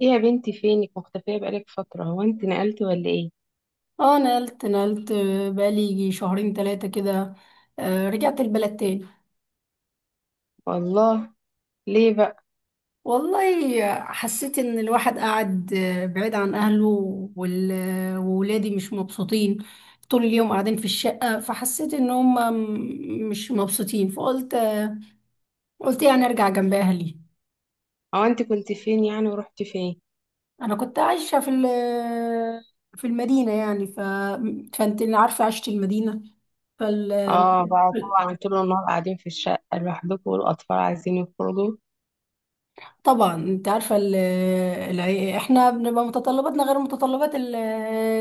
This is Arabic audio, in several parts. ايه يا بنتي، فينك مختفية بقالك فترة؟ هو انت نقلتي ولا ايه؟ اه نقلت نقلت، بقالي يجي شهرين ثلاثة كده. رجعت البلد تاني. والله. ليه بقى؟ والله حسيت ان الواحد قاعد بعيد عن اهله، وولادي مش مبسوطين طول اليوم قاعدين في الشقة، فحسيت ان هم مش مبسوطين فقلت قلت يعني ارجع جنب اهلي. هو انت كنت فين يعني ورحتي فين؟ انا كنت عايشة في في المدينة يعني فانت عارفة عشت المدينة، فال اه بقى. طبعا طول النهار قاعدين في الشقة لوحدكم والاطفال عايزين يخرجوا. طبعا انت عارفه احنا بنبقى متطلباتنا غير متطلبات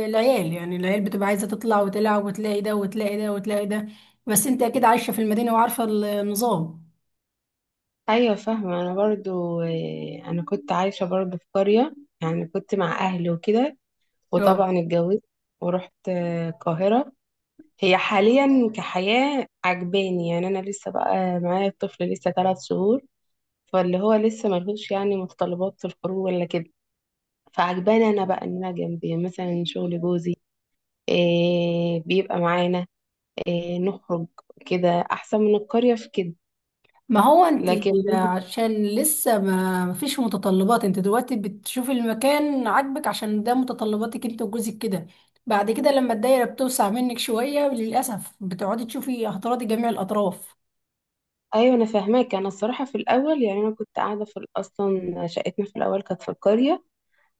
العيال، يعني العيال بتبقى عايزه تطلع وتلعب وتلاقي ده وتلاقي ده وتلاقي ده، بس انت اكيد عايشه في المدينه وعارفه النظام. ايوه فاهمة، انا برضو انا كنت عايشة برضو في قرية، يعني كنت مع اهلي وكده، اه وطبعا اتجوزت ورحت القاهرة. هي حاليا كحياة عجباني، يعني انا لسه بقى معايا الطفل لسه 3 شهور، فاللي هو لسه ملهوش يعني متطلبات في الخروج ولا كده. فعجباني انا بقى ان انا جنب مثلا شغل جوزي، إيه بيبقى معانا، إيه نخرج، كده احسن من القرية في كده، ما هو انت، لكن عشان لسه ما فيش متطلبات، انت دلوقتي بتشوفي المكان عاجبك عشان ده متطلباتك انت وجوزك كده، بعد كده لما الدايره بتوسع منك شويه للاسف بتقعدي تشوفي هتراضي جميع الاطراف. ايوه انا فاهماك. انا الصراحه في الاول، يعني انا كنت قاعده في اصلا شقتنا في الاول كانت في القريه.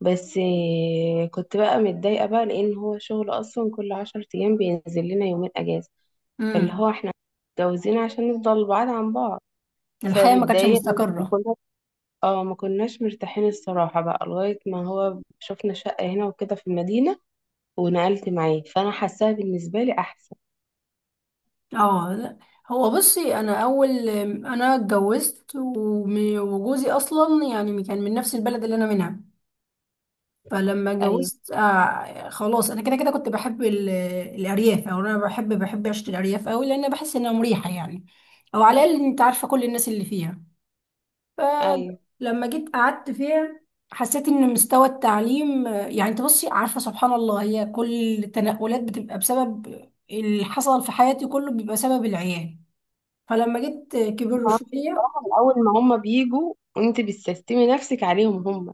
بس إيه، كنت بقى متضايقه بقى، لان هو شغل اصلا كل 10 ايام بينزل لنا 2 اجازه، فاللي امم، هو احنا متجوزين عشان نفضل بعاد عن بعض، الحياه ما كانتش فمتضايقه. مستقره. اه ما كناش مرتاحين الصراحة بقى، لغاية ما هو شفنا شقة هنا وكده في المدينة، ونقلت معاه فأنا حاساها بالنسبة لي أحسن. اه لا، هو بصي انا اول انا اتجوزت وجوزي اصلا يعني كان من نفس البلد اللي انا منها، فلما أيوة. اتجوزت آه خلاص انا كده كده كنت بحب الارياف، او انا بحب عيشه الارياف قوي لان بحس انها مريحه يعني، او على الاقل انت عارفه كل الناس اللي فيها. أيوة فلما جيت قعدت فيها حسيت ان مستوى التعليم يعني انت بصي عارفه سبحان الله، هي كل التنقلات بتبقى بسبب اللي حصل في حياتي، كله بيبقى سبب العيال. فلما جيت كبر كمان، شويه، الصراحة من أول ما هما بيجوا أنت بتستسلمي نفسك عليهم هما.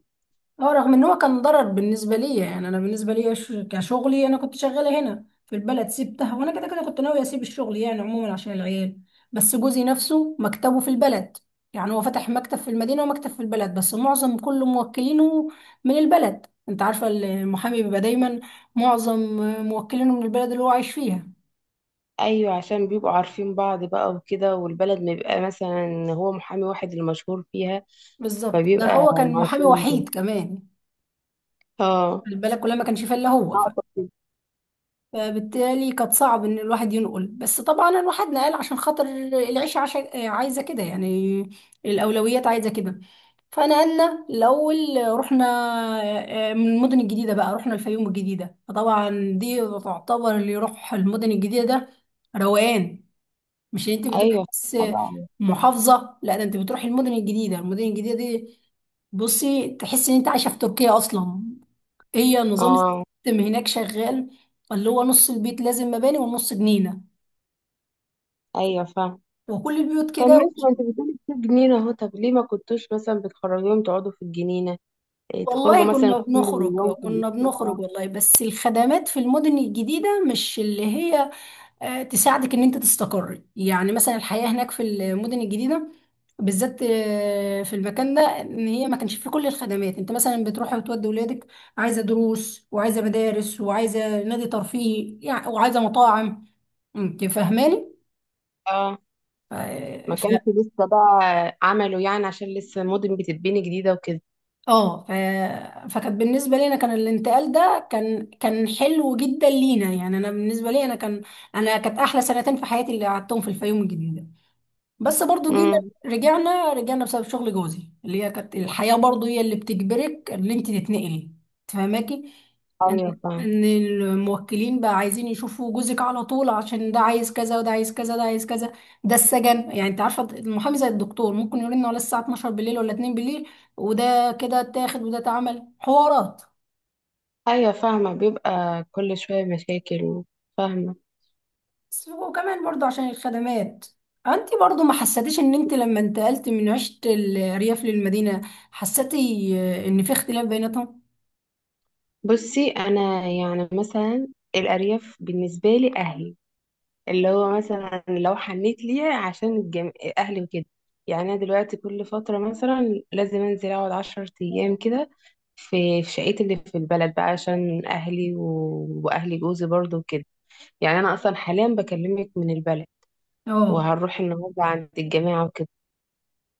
اه رغم ان هو كان ضرر بالنسبه لي، يعني انا بالنسبه لي كشغلي انا كنت شغاله هنا في البلد سبتها، وانا كده كده كنت ناويه اسيب الشغل يعني عموما عشان العيال، بس جوزي نفسه مكتبه في البلد، يعني هو فتح مكتب في المدينه ومكتب في البلد بس معظم كل موكلينه من البلد. انت عارفه المحامي بيبقى دايما معظم موكلينه من البلد اللي هو عايش فيها. أيوة، عشان بيبقوا عارفين بعض بقى وكده، والبلد ما بيبقى مثلا هو محامي واحد المشهور فيها، بالظبط، ده فبيبقى هو كان محامي معروفين من كده. وحيد كمان، اه، البلد كلها ما كانش فيها الا هو، أقصد كده. فبالتالي كانت صعب ان الواحد ينقل، بس طبعا الواحد نقل عشان خاطر العيشة عايزة كده يعني، الاولويات عايزة كده. فنقلنا الاول، رحنا من المدن الجديدة بقى، رحنا الفيوم الجديدة. فطبعا دي تعتبر، اللي يروح المدن الجديدة ده روقان، مش انت بتروحي أيوة بس بقى. محافظة، لا ده انت بتروحي المدن الجديدة. المدن الجديدة دي بصي تحسي ان انت عايشة في تركيا اصلا، هي نظام اه. السيستم هناك شغال، اللي هو نص البيت لازم مباني ونص جنينة، أيوة فاهمة. وكل البيوت طب كده. ماشي، ما انت بتقولي في جنينة اهو، طب ليه ما كنتوش مثلا بتخرجيهم تقعدوا في الجنينة، إيه تخرجوا والله مثلا كنا كل بنخرج، يوم في كنا الأسبوع؟ بنخرج والله، بس الخدمات في المدن الجديدة مش اللي هي تساعدك ان انت تستقر، يعني مثلا الحياة هناك في المدن الجديدة بالذات في المكان ده، ان هي ما كانش فيه كل الخدمات، انت مثلا بتروحي وتودي ولادك، عايزة دروس وعايزة مدارس وعايزة نادي ترفيهي يعني وعايزة مطاعم، انت فاهماني. اه، ما ف- كانش لسه بقى عملوا يعني، عشان لسه المدن بتتبني جديدة وكده. اه فكانت بالنسبه لي انا كان الانتقال ده كان كان حلو جدا لينا، يعني انا بالنسبه لي انا كان، انا كانت احلى سنتين في حياتي اللي قعدتهم في الفيوم الجديده. بس برضو جينا امم، رجعنا، رجعنا بسبب شغل جوزي، اللي هي كانت الحياة برضو هي اللي بتجبرك ان انت تتنقلي، تفهماكي ان ايوه فاهمة. ان الموكلين بقى عايزين يشوفوا جوزك على طول، عشان ده عايز كذا وده عايز كذا ده عايز كذا. ده السجن، يعني انت عارفة المحامي زي الدكتور ممكن يقول لنا ولا الساعة 12 بالليل ولا 2 بالليل، وده كده اتاخد وده اتعمل حوارات. ايوه فاهمة، بيبقى كل شوية مشاكل، فاهمة. بس وكمان برضو عشان الخدمات، انت برضو ما حسيتيش ان انت لما انتقلت من عشت الريف للمدينة حسيتي ان في اختلاف بيناتهم؟ بصي انا يعني مثلا، الأرياف بالنسبة لي أهلي، اللي هو مثلا لو حنيت ليها عشان اهلي وكده. يعني انا دلوقتي كل فتره مثلا لازم انزل اقعد 10 ايام كده في شقتي اللي في البلد بقى، عشان اهلي واهلي جوزي برضو وكده. يعني انا اصلا حاليا بكلمك من البلد، اه، وهنروح النهارده عند الجماعه وكده.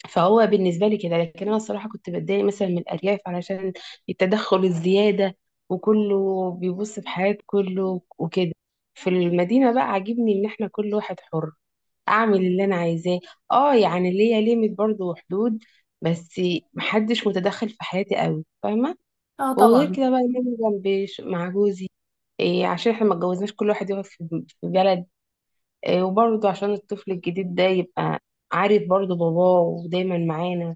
فهو بالنسبه لي كده، لكن انا الصراحه كنت بتضايق مثلا من الارياف، علشان التدخل الزياده وكله بيبص في حياه كله وكده. في المدينه بقى عاجبني ان احنا كل واحد حر، اعمل اللي انا عايزاه. اه يعني ليا ليميت برضو وحدود، بس محدش متدخل في حياتي قوي، فاهمه. اه وغير طبعا، كده بقى ان انا جنبي مع جوزي، إيه عشان احنا ما اتجوزناش كل واحد يقعد في في بلد، إيه وبرضو عشان الطفل الجديد ده يبقى عارف برضو باباه ودايما معانا،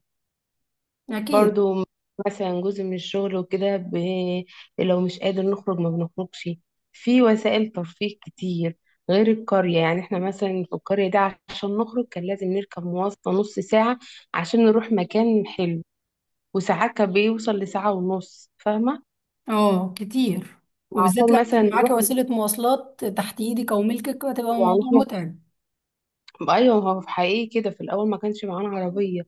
اكيد، برضو. مثلا جزء من الشغل وكده لو مش قادر نخرج ما بنخرجش، في وسائل ترفيه كتير غير القرية. يعني احنا مثلا في القرية دي عشان نخرج كان لازم نركب مواصلة نص ساعة عشان نروح مكان حلو، وساعات كان بيوصل لساعة ونص، فاهمة؟ اه كتير. وبالذات لو عشان مثلا مش معاكي نروح، وسيلة مواصلات تحت ايدك او ملكك هتبقى يعني الموضوع احنا متعب. ايوه، هو في حقيقي كده في الاول ما كانش معانا عربيه،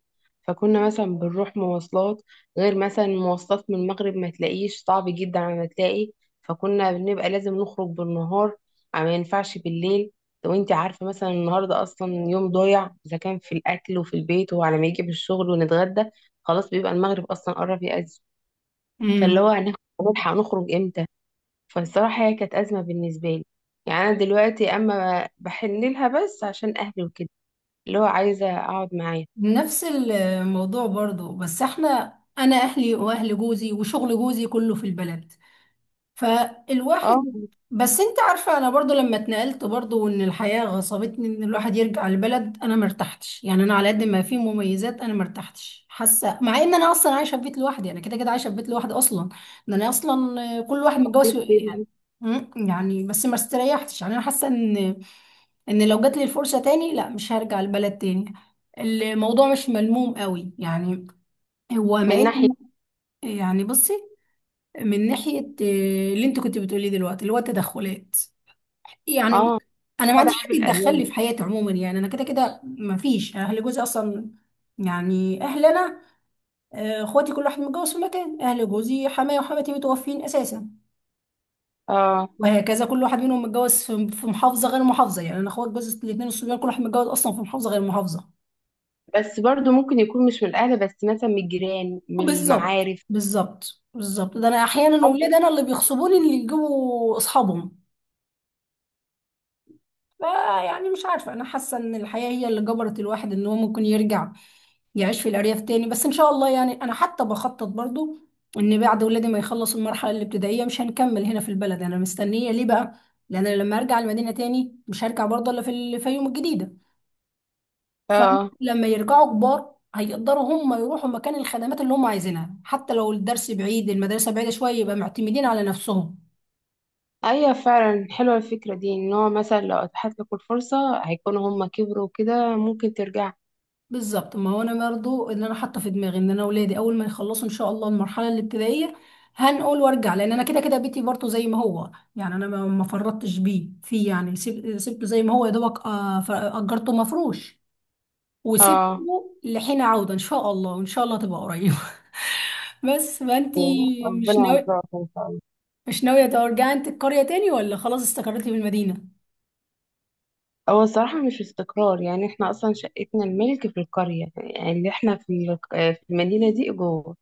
فكنا مثلا بنروح مواصلات، غير مثلا مواصلات من المغرب ما تلاقيش، صعب جدا على ما تلاقي، فكنا بنبقى لازم نخرج بالنهار ما ينفعش بالليل. لو انت عارفه مثلا النهارده اصلا يوم ضايع، اذا كان في الاكل وفي البيت وعلى ما يجي بالشغل ونتغدى، خلاص بيبقى المغرب اصلا قرب يأذن، فاللي امم، هو هنلحق نخرج امتى؟ فالصراحه هي كانت ازمه بالنسبه لي. يعني انا دلوقتي اما بحن لها بس عشان اهلي وكده، اللي هو عايزة أقعد معاه. نفس الموضوع برضو، بس احنا انا اهلي واهل جوزي وشغل جوزي كله في البلد، اه فالواحد، بس انت عارفة انا برضو لما اتنقلت برضو وان الحياة غصبتني ان الواحد يرجع البلد انا مرتحتش، يعني انا على قد ما في مميزات انا مرتحتش حاسة، مع ان انا اصلا عايشة في بيت لوحدي، انا كده كده عايشة في بيت لوحدي اصلا، ان انا اصلا كل واحد متجوز حسيت يعني، كده، يعني بس ما استريحتش. يعني انا حاسة ان ان لو جات لي الفرصة تاني لا، مش هرجع البلد تاني. الموضوع مش ملموم قوي يعني، هو ما من ناحية. إلا- يعني بصي، من ناحية اللي انت كنت بتقوليه دلوقتي اللي هو التدخلات، يعني اه انا ما طبعا، عنديش حد عيب يتدخل القرايب. لي في حياتي عموما، يعني انا كده كده ما فيش اهل جوزي اصلا، يعني اهل انا اخواتي كل واحد متجوز في مكان، اهل جوزي حماية وحماتي متوفين اساسا، اه وهكذا كل واحد منهم متجوز في محافظة غير محافظة، يعني انا اخوات جوزي الاثنين الصبيان كل واحد متجوز اصلا في محافظة غير محافظة. بس برضو ممكن يكون مش من الأهل، بس مثلا من الجيران من بالظبط المعارف، بالظبط بالظبط، ده انا احيانا حد. اولاد انا اللي بيغصبوني اللي يجيبوا اصحابهم. آه يعني مش عارفة، أنا حاسة إن الحياة هي اللي جبرت الواحد إن هو ممكن يرجع يعيش في الأرياف تاني، بس إن شاء الله يعني أنا حتى بخطط برضو إن بعد ولادي ما يخلصوا المرحلة الابتدائية مش هنكمل هنا في البلد. أنا مستنية ليه بقى؟ لأن أنا لما أرجع المدينة تاني مش هرجع برضه إلا في الفيوم الجديدة. اه. فلما يرجعوا كبار هيقدروا هم يروحوا مكان الخدمات اللي هم عايزينها، حتى لو الدرس بعيد المدرسة بعيدة شوية يبقى معتمدين على نفسهم. أيوة فعلا حلوة الفكرة دي، إن هو مثلا لو أتاحت لك الفرصة هيكونوا هما كبروا كده، ممكن ترجع. بالظبط، ما هو انا برضو اللي انا حاطه في دماغي ان انا اولادي اول ما يخلصوا ان شاء الله المرحله الابتدائيه هنقول وارجع، لان انا كده كده بيتي برضو زي ما هو، يعني انا ما فرطتش بيه فيه، يعني سبته زي ما هو يا دوبك اجرته مفروش، وسبته اه، لحين عوده ان شاء الله، وان شاء الله تبقى قريب. بس ما انتي ربنا مش ناوي، يرزقك إن شاء الله. مش ناويه ترجعي انت القريه تاني، ولا خلاص استقريتي في المدينه؟ هو الصراحة مش استقرار، يعني احنا أصلا شقتنا الملك في القرية، يعني اللي احنا في في المدينة دي إيجار.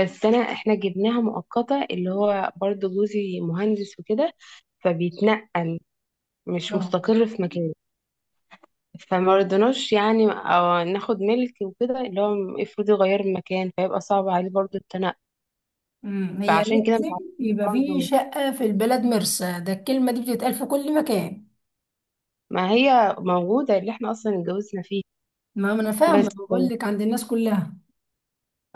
بس انا احنا جبناها مؤقتة، اللي هو برضو جوزي مهندس وكده فبيتنقل، مش اه، مستقر في مكان، فما رضناش يعني أو ناخد ملك وكده، اللي هو افرض يغير المكان فيبقى صعب عليه برضو التنقل، امم، هي فعشان كده مش لازم عارفين. يبقى في برضو شقه في البلد، مرسى، ده الكلمه دي بتتقال في كل مكان. ما هي موجودة اللي احنا اصلا اتجوزنا فيه، ما انا بس. فاهمه، بقول لك عند الناس كلها.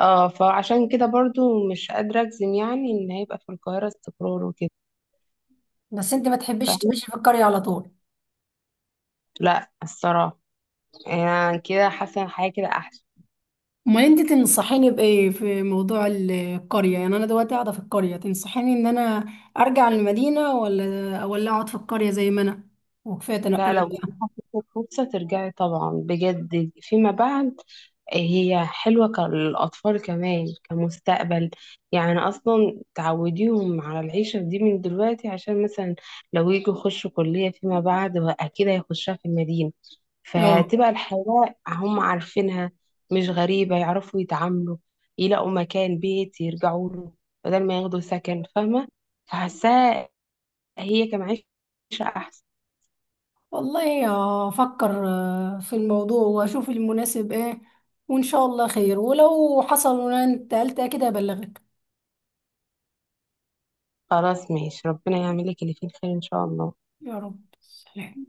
اه فعشان كده برضو مش قادرة اجزم يعني ان هيبقى في القاهرة استقرار وكده، بس انت ما تحبيش فاهمة؟ تعيشي في القريه على طول؟ لا الصراحة، يعني كده حاسة إن حاجة كده احسن. امال انت تنصحيني بايه في موضوع القريه، يعني انا دلوقتي قاعده في القريه، تنصحيني ان انا ارجع المدينه، ولا اقعد في القريه زي ما انا، وكفايه لا، تنقلات لو بقى؟ جاتلك فرصة ترجعي طبعا بجد فيما بعد، هي حلوة للأطفال كمان، كمستقبل. يعني أصلا تعوديهم على العيشة دي من دلوقتي، عشان مثلا لو يجوا يخشوا كلية فيما بعد أكيد هيخشها في المدينة، اه، فتبقى الحياة هم عارفينها، مش غريبة، يعرفوا يتعاملوا، يلاقوا مكان بيت يرجعوا له بدل ما ياخدوا سكن، فاهمة؟ فحاساها هي كمعيشة أحسن. والله افكر في الموضوع واشوف المناسب ايه، وان شاء الله خير، ولو حصل وانا انتقلت كده ابلغك. خلاص ماشي، ربنا يعمل لك اللي فيه الخير ان شاء الله. يا رب. سلام.